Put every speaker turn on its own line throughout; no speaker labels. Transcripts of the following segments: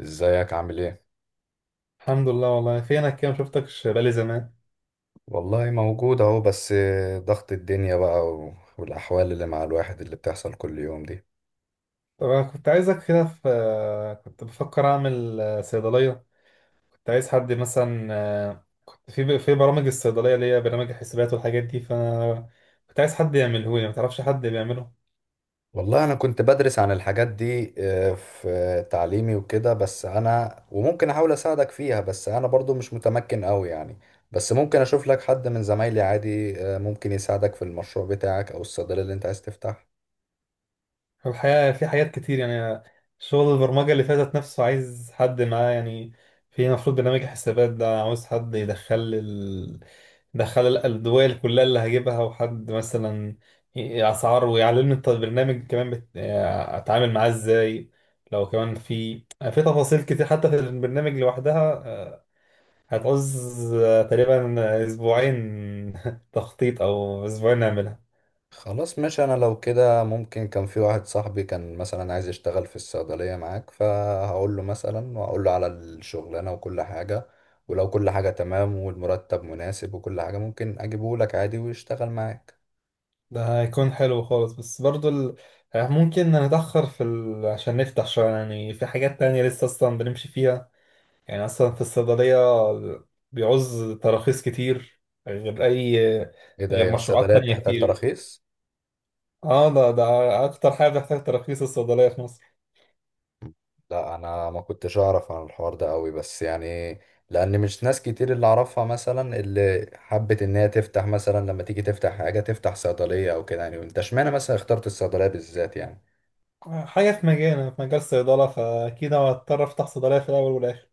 ازيك عامل ايه؟
الحمد لله. والله فينك كده، مشفتكش بقالي زمان.
والله موجود اهو. بس ضغط الدنيا بقى والاحوال اللي مع الواحد اللي بتحصل كل يوم دي.
طب انا كنت عايزك، كده كنت بفكر اعمل صيدليه. كنت عايز حد مثلا، كنت في برامج الصيدليه اللي هي برامج الحسابات والحاجات دي، فانا كنت عايز حد يعمله لي. ما تعرفش حد بيعمله؟
والله انا كنت بدرس عن الحاجات دي، في تعليمي وكده. بس انا وممكن احاول اساعدك فيها، بس انا برضو مش متمكن قوي يعني. بس ممكن اشوف لك حد من زمايلي عادي، ممكن يساعدك في المشروع بتاعك او الصيدلية اللي انت عايز تفتحها.
الحقيقه في حاجات كتير يعني. شغل البرمجه اللي فاتت نفسه عايز حد معاه يعني. في المفروض برنامج الحسابات ده عاوز حد يدخل، دخل الدول كلها اللي هجيبها، وحد مثلا اسعار، ويعلمني البرنامج كمان بت... آه، اتعامل معاه ازاي. لو كمان في، في تفاصيل كتير حتى في البرنامج لوحدها، هتعوز تقريبا اسبوعين تخطيط، او اسبوعين نعملها.
خلاص ماشي. انا لو كده ممكن، كان في واحد صاحبي كان مثلا عايز يشتغل في الصيدلية معاك، فهقول له مثلا وهقول له على الشغلانة وكل حاجة. ولو كل حاجة تمام والمرتب مناسب وكل حاجة، ممكن اجيبه لك عادي ويشتغل معاك.
ده هيكون حلو خالص، بس برضو ال... آه، ممكن نتأخر في عشان نفتح، شوية يعني في حاجات تانية لسه أصلا بنمشي فيها. يعني اصلا في الصيدليه بيعوز تراخيص كتير، غير اي،
ايه ده،
غير
هي
مشروعات
الصيدلية
تانية
بتحتاج
كتير.
تراخيص؟
اه، ده اكتر حاجه بتحتاج تراخيص الصيدليه في مصر.
لا انا ما كنتش اعرف عن الحوار ده قوي، بس يعني لان مش ناس كتير اللي اعرفها مثلا اللي حبت ان هي تفتح، مثلا لما تيجي تفتح حاجة تفتح صيدلية او كده، يعني انت اشمعنى مثلا اخترت الصيدلية بالذات يعني.
حاجه في مجال، في مجال الصيدله، فاكيد هضطر افتح صيدليه في الاول والاخر.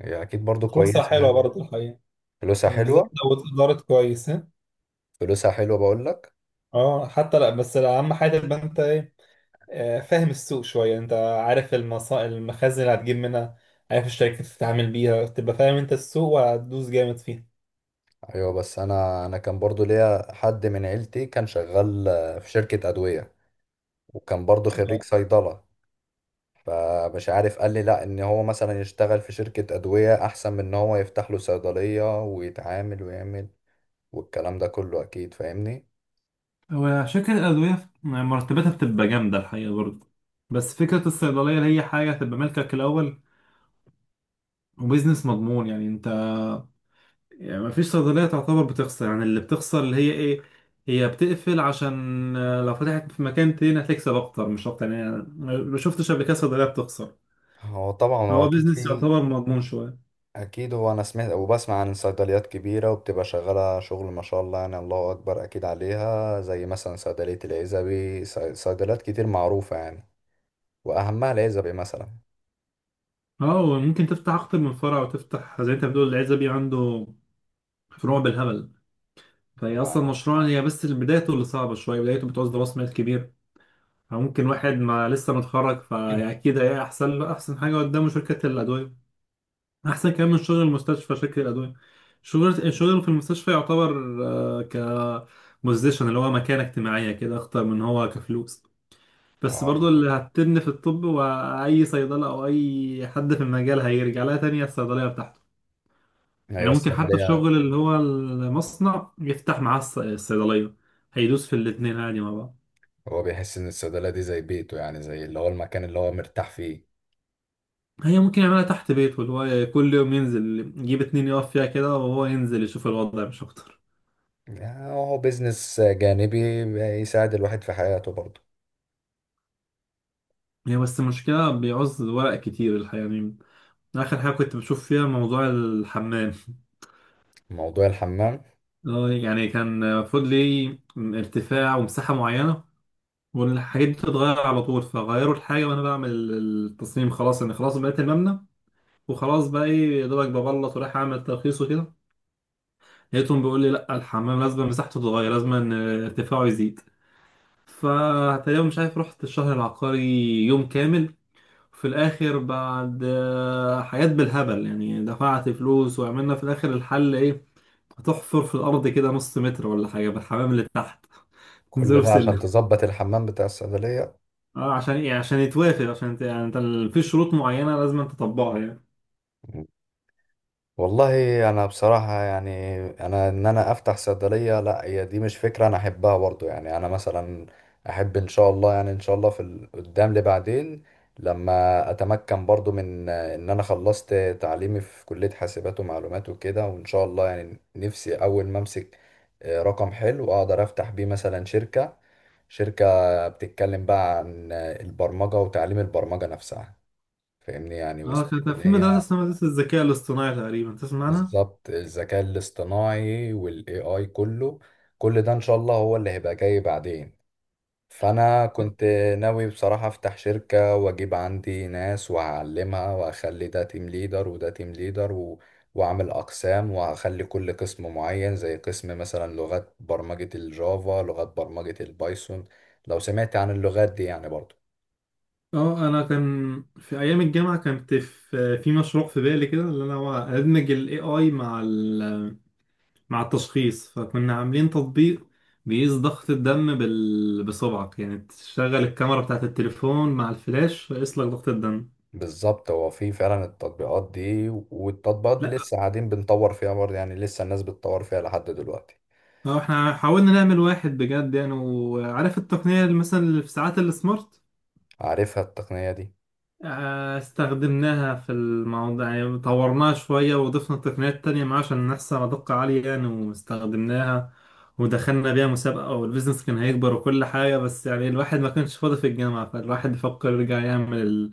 هي اكيد برضو
فرصه
كويسه.
حلوه برضه الحقيقه،
فلوسها
بالذات
حلوه.
لو اتدارت كويس، ها؟
فلوسها حلوه بقول لك.
اه حتى لا، بس اهم حاجه تبقى انت ايه، فاهم السوق شويه. انت عارف المخازن اللي هتجيب منها، عارف الشركات اللي تتعامل بيها، تبقى فاهم انت السوق، وهتدوس جامد فيه.
ايوه بس انا كان برضو ليا حد من عيلتي كان شغال، في شركه ادويه. وكان برضو خريج صيدله. فمش عارف، قال لي لا، ان هو مثلا يشتغل في شركه ادويه احسن من ان هو يفتح له صيدليه ويتعامل ويعمل والكلام ده كله، اكيد فاهمني.
هو عشان كده الأدوية مرتباتها بتبقى جامدة الحقيقة برضه، بس فكرة الصيدلية اللي هي حاجة تبقى ملكك الأول، وبيزنس مضمون يعني. أنت يعني مفيش صيدلية تعتبر بتخسر، يعني اللي بتخسر اللي هي إيه، هي بتقفل. عشان لو فتحت في مكان تاني هتكسب أكتر، مش أكتر يعني. أنا ما شفتش قبل كده صيدلية بتخسر.
هو طبعا هو
هو
اكيد
بيزنس
في.
يعتبر مضمون شوية.
اكيد هو انا سمعت وبسمع عن صيدليات كبيره وبتبقى شغاله شغل ما شاء الله، يعني الله اكبر اكيد عليها، زي مثلا صيدليه العزبي. صيدليات كتير معروفه يعني، واهمها العزبي مثلا.
أه، وممكن تفتح أكتر من فرع، وتفتح زي أنت بتقول العزبي عنده فروع بالهبل. فهي أصلا
آه.
مشروع، هي بس بدايته اللي صعبة شوية، بدايته بتعوز راس مال كبير. فممكن واحد ما لسه متخرج، فأكيد هي أحسن له، أحسن حاجة قدامه شركة الأدوية، أحسن كمان من شغل المستشفى شركة الأدوية. شغل، الشغل في المستشفى يعتبر آه، كبوزيشن اللي هو مكانة اجتماعية، كده أخطر من هو كفلوس. بس
اه
برضو اللي
اكيد.
هتبني في الطب، وأي صيدلة أو أي حد في المجال هيرجع لها تانية، الصيدلية بتاعته.
ايوه
يعني ممكن حتى
الصيدليه.
الشغل اللي هو المصنع يفتح معاه الصيدلية، هيدوس في الاتنين عادي مع بعض.
هو بيحس ان الصيدليه دي زي بيته، يعني زي اللي هو المكان اللي هو مرتاح فيه.
هي ممكن يعملها تحت بيته، اللي هو كل يوم ينزل يجيب اتنين يقف فيها كده، وهو ينزل يشوف الوضع، مش أكتر.
يعني هو بيزنس جانبي يساعد الواحد في حياته برضه.
هي بس المشكلة بيعوز ورق كتير الحقيقة يعني. آخر حاجة كنت بشوف فيها موضوع الحمام.
موضوع الحمام؟
يعني كان المفروض ليه ارتفاع ومساحة معينة، والحاجات دي بتتغير على طول، فغيروا الحاجة وأنا بعمل التصميم. خلاص أنا خلاص بقيت المبنى، وخلاص بقى إيه، يا دوبك ببلط، ورايح أعمل ترخيص وكده، لقيتهم بيقول لي لأ الحمام لازم مساحته تتغير، لازم إن ارتفاعه يزيد. فتقريبا مش عارف، رحت الشهر العقاري يوم كامل، في الاخر بعد حاجات بالهبل يعني، دفعت فلوس، وعملنا في الاخر الحل ايه، هتحفر في الارض كده نص متر ولا حاجه بالحمام اللي تحت، نزله
كل
في
ده عشان
سلم.
تظبط الحمام بتاع الصيدليه؟
اه، عشان ايه؟ عشان يتوافق، عشان انت يعني انت في شروط معينه لازم انت تطبقها يعني.
والله انا بصراحه يعني انا انا افتح صيدليه لا، هي دي مش فكره انا احبها برضو. يعني انا مثلا احب ان شاء الله، يعني ان شاء الله في قدام لبعدين، لما اتمكن برضو من ان انا خلصت تعليمي في كليه حاسبات ومعلومات وكده. وان شاء الله يعني نفسي اول ما امسك، رقم حلو اقدر افتح بيه مثلا شركه بتتكلم بقى عن، البرمجه وتعليم البرمجه نفسها، فاهمني يعني.
اه كان
وسمعت
كان
ان
في مدرسه
هي
اسمها مدرسه الذكاء الاصطناعي، تقريبا تسمع عنها.
بالظبط الذكاء الاصطناعي والاي اي كله، كل ده ان شاء الله هو اللي هيبقى جاي بعدين. فانا كنت ناوي بصراحة افتح شركة واجيب عندي ناس وهعلمها واخلي ده تيم ليدر وده تيم ليدر و... واعمل اقسام وهخلي كل قسم معين، زي قسم مثلا لغات برمجة الجافا، لغات برمجة البايثون، لو سمعت عن اللغات دي يعني برضو.
اه انا كان في ايام الجامعه، كانت في مشروع في بالي كده، اللي انا هو ادمج الاي اي مع ال، مع التشخيص، فكنا عاملين تطبيق بيقيس ضغط الدم بصبعك، يعني تشغل الكاميرا بتاعت التليفون مع الفلاش، فيقيس لك ضغط الدم.
بالظبط، هو في فعلا التطبيقات دي، والتطبيقات دي
لا
لسه قاعدين بنطور فيها برضه، يعني لسه الناس بتطور فيها لحد دلوقتي.
هو احنا حاولنا نعمل واحد بجد يعني، وعارف التقنية اللي مثلا اللي في ساعات السمارت،
عارفها التقنية دي.
استخدمناها في الموضوع يعني، طورناها شوية وضفنا تقنيات تانية معاه عشان نحصل على دقة عالية يعني، واستخدمناها ودخلنا بيها مسابقة، والبيزنس كان هيكبر وكل حاجة، بس يعني الواحد ما كانش فاضي في الجامعة، فالواحد بيفكر يرجع يعمل،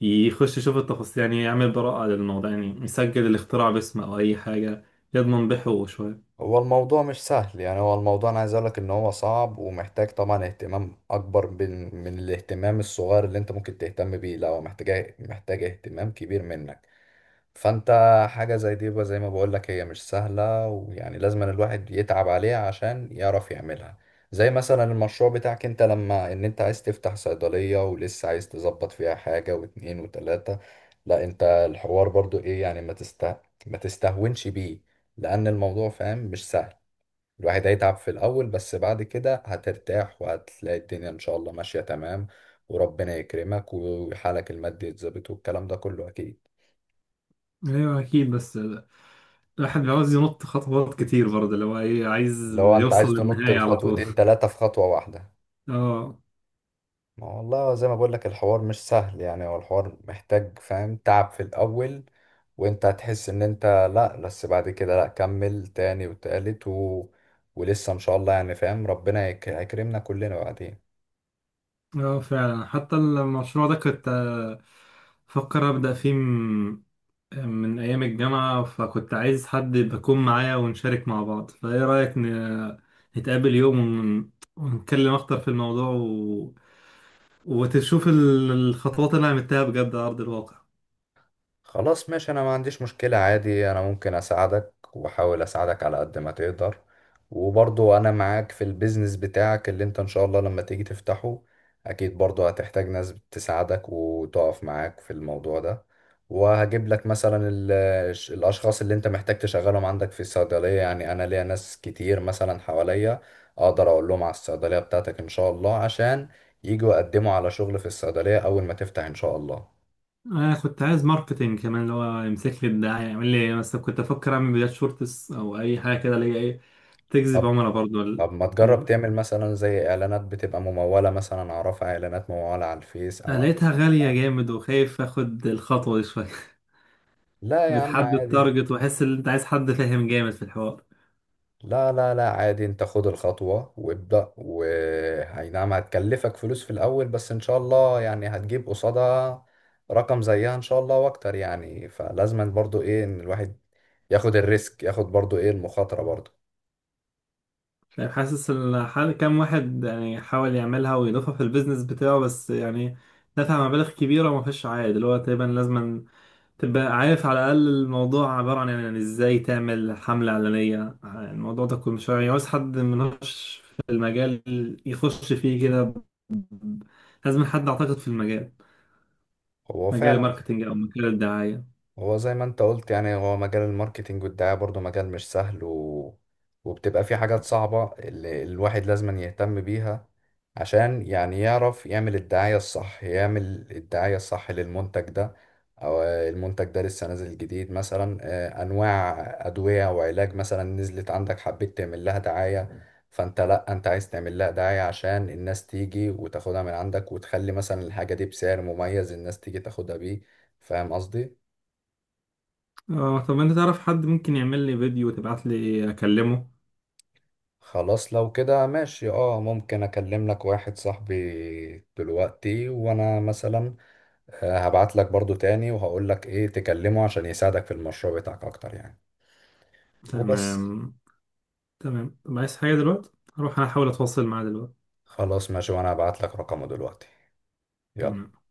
يخش يشوف التفاصيل يعني، يعمل براءة للموضوع يعني، يسجل الاختراع باسمه أو أي حاجة، يضمن بحقوقه شوية.
هو الموضوع مش سهل، يعني هو الموضوع انا عايز اقولك ان هو صعب ومحتاج طبعا اهتمام اكبر من الاهتمام الصغير اللي انت ممكن تهتم بيه. لا هو محتاج اهتمام كبير منك. فانت حاجة زي دي بقى، زي ما بقولك هي مش سهلة، ويعني لازم أن الواحد يتعب عليها عشان يعرف يعملها. زي مثلا المشروع بتاعك انت، لما انت عايز تفتح صيدلية ولسه عايز تظبط فيها حاجة واتنين وتلاتة. لا انت الحوار برضو ايه يعني، ما تستهونش بيه، لان الموضوع فاهم مش سهل. الواحد هيتعب في الاول، بس بعد كده هترتاح وهتلاقي الدنيا ان شاء الله ماشية تمام، وربنا يكرمك وحالك المادي يتظبط والكلام ده كله اكيد.
أيوة أكيد، بس الواحد عاوز ينط خطوات كتير برضه، اللي هو إيه، عايز
اللي هو انت
يوصل
عايز تنط
للنهاية على طول.
الخطوتين تلاتة في خطوة واحدة.
اه.
ما هو والله زي ما بقول لك الحوار مش سهل، يعني هو الحوار محتاج فاهم تعب في الأول، وانت هتحس ان انت لا، بس بعد كده لا، كمل تاني وتالت و... ولسه ان شاء الله يعني فاهم، ربنا هيكرمنا كلنا بعدين.
اه فعلا حتى المشروع ده كنت، فكر أبدأ فيه من أيام الجامعة، فكنت عايز حد بكون معايا ونشارك مع بعض، فإيه رأيك نتقابل يوم ونتكلم أكتر في الموضوع، وتشوف الخطوات اللي انا عملتها بجد على ارض الواقع.
خلاص ماشي، انا ما عنديش مشكلة عادي. انا ممكن اساعدك واحاول اساعدك على قد ما تقدر. وبرضو انا معاك في البيزنس بتاعك اللي انت ان شاء الله لما تيجي تفتحه. اكيد برضو هتحتاج ناس تساعدك وتقف معاك في الموضوع ده. وهجيب لك مثلا الاشخاص اللي انت محتاج تشغلهم عندك في الصيدلية. يعني انا ليا ناس كتير مثلا حواليا، اقدر اقول لهم على الصيدلية بتاعتك ان شاء الله، عشان يجوا يقدموا على شغل في الصيدلية اول ما تفتح ان شاء الله.
انا كنت عايز ماركتينج كمان، اللي هو يمسك لي الدعايه، يعمل لي إيه مثلا، كنت افكر اعمل فيديوهات شورتس او اي حاجه كده، اللي هي ايه تجذب
طب
عملاء برضو ال-
طب ما تجرب
م.
تعمل مثلا زي اعلانات بتبقى ممولة، مثلا اعرفها اعلانات ممولة على الفيس
أنا
او على.
لقيتها غاليه جامد، وخايف اخد الخطوه دي شويه.
لا يا عم
بتحدد
عادي.
تارجت، واحس ان انت عايز حد فاهم جامد في الحوار.
لا، لا، لا عادي، انت خد الخطوة وابدأ، وهي نعم هتكلفك فلوس في الاول، بس ان شاء الله يعني هتجيب قصادها رقم زيها ان شاء الله واكتر. يعني فلازم برضو ايه ان الواحد ياخد الريسك، ياخد برضو ايه المخاطرة برضو.
مش عارف، حاسس ان حال كام واحد يعني حاول يعملها ويضيفها في البيزنس بتاعه، بس يعني دفع مبالغ كبيره وما فيش عائد. اللي هو تقريبا لازما تبقى عارف على الأقل الموضوع، عبارة عن يعني إزاي تعمل حملة إعلانية. الموضوع ده كله مش يعني عاوز حد منهش في المجال يخش فيه كده، لازم حد أعتقد في المجال،
هو
مجال
فعلا
الماركتينج أو مجال الدعاية.
هو زي ما انت قلت، يعني هو مجال الماركتينج والدعاية برضو مجال مش سهل و... وبتبقى فيه حاجات صعبة اللي الواحد لازم يهتم بيها عشان يعني يعرف يعمل الدعاية الصح، يعمل الدعاية الصح للمنتج ده. أو المنتج ده لسه نازل جديد مثلا، أنواع أدوية وعلاج مثلا نزلت عندك حبيت تعمل لها دعاية. فأنت لأ، أنت عايز تعمل لها دعاية عشان الناس تيجي وتاخدها من عندك، وتخلي مثلا الحاجة دي بسعر مميز الناس تيجي تاخدها بيه. فاهم قصدي؟
اه طب أنت تعرف حد ممكن يعمل لي فيديو وتبعت لي أكلمه؟
خلاص لو كده ماشي، اه ممكن اكلم لك واحد صاحبي دلوقتي، وانا مثلا، هبعت لك برضو تاني وهقول لك ايه تكلمه، عشان يساعدك في المشروع بتاعك اكتر يعني. وبس.
تمام. تمام، طب عايز حاجة دلوقتي؟ هروح أنا أحاول أتواصل معاه دلوقتي.
خلاص ماشي، وانا هبعت لك رقمه دلوقتي. يلا.
تمام.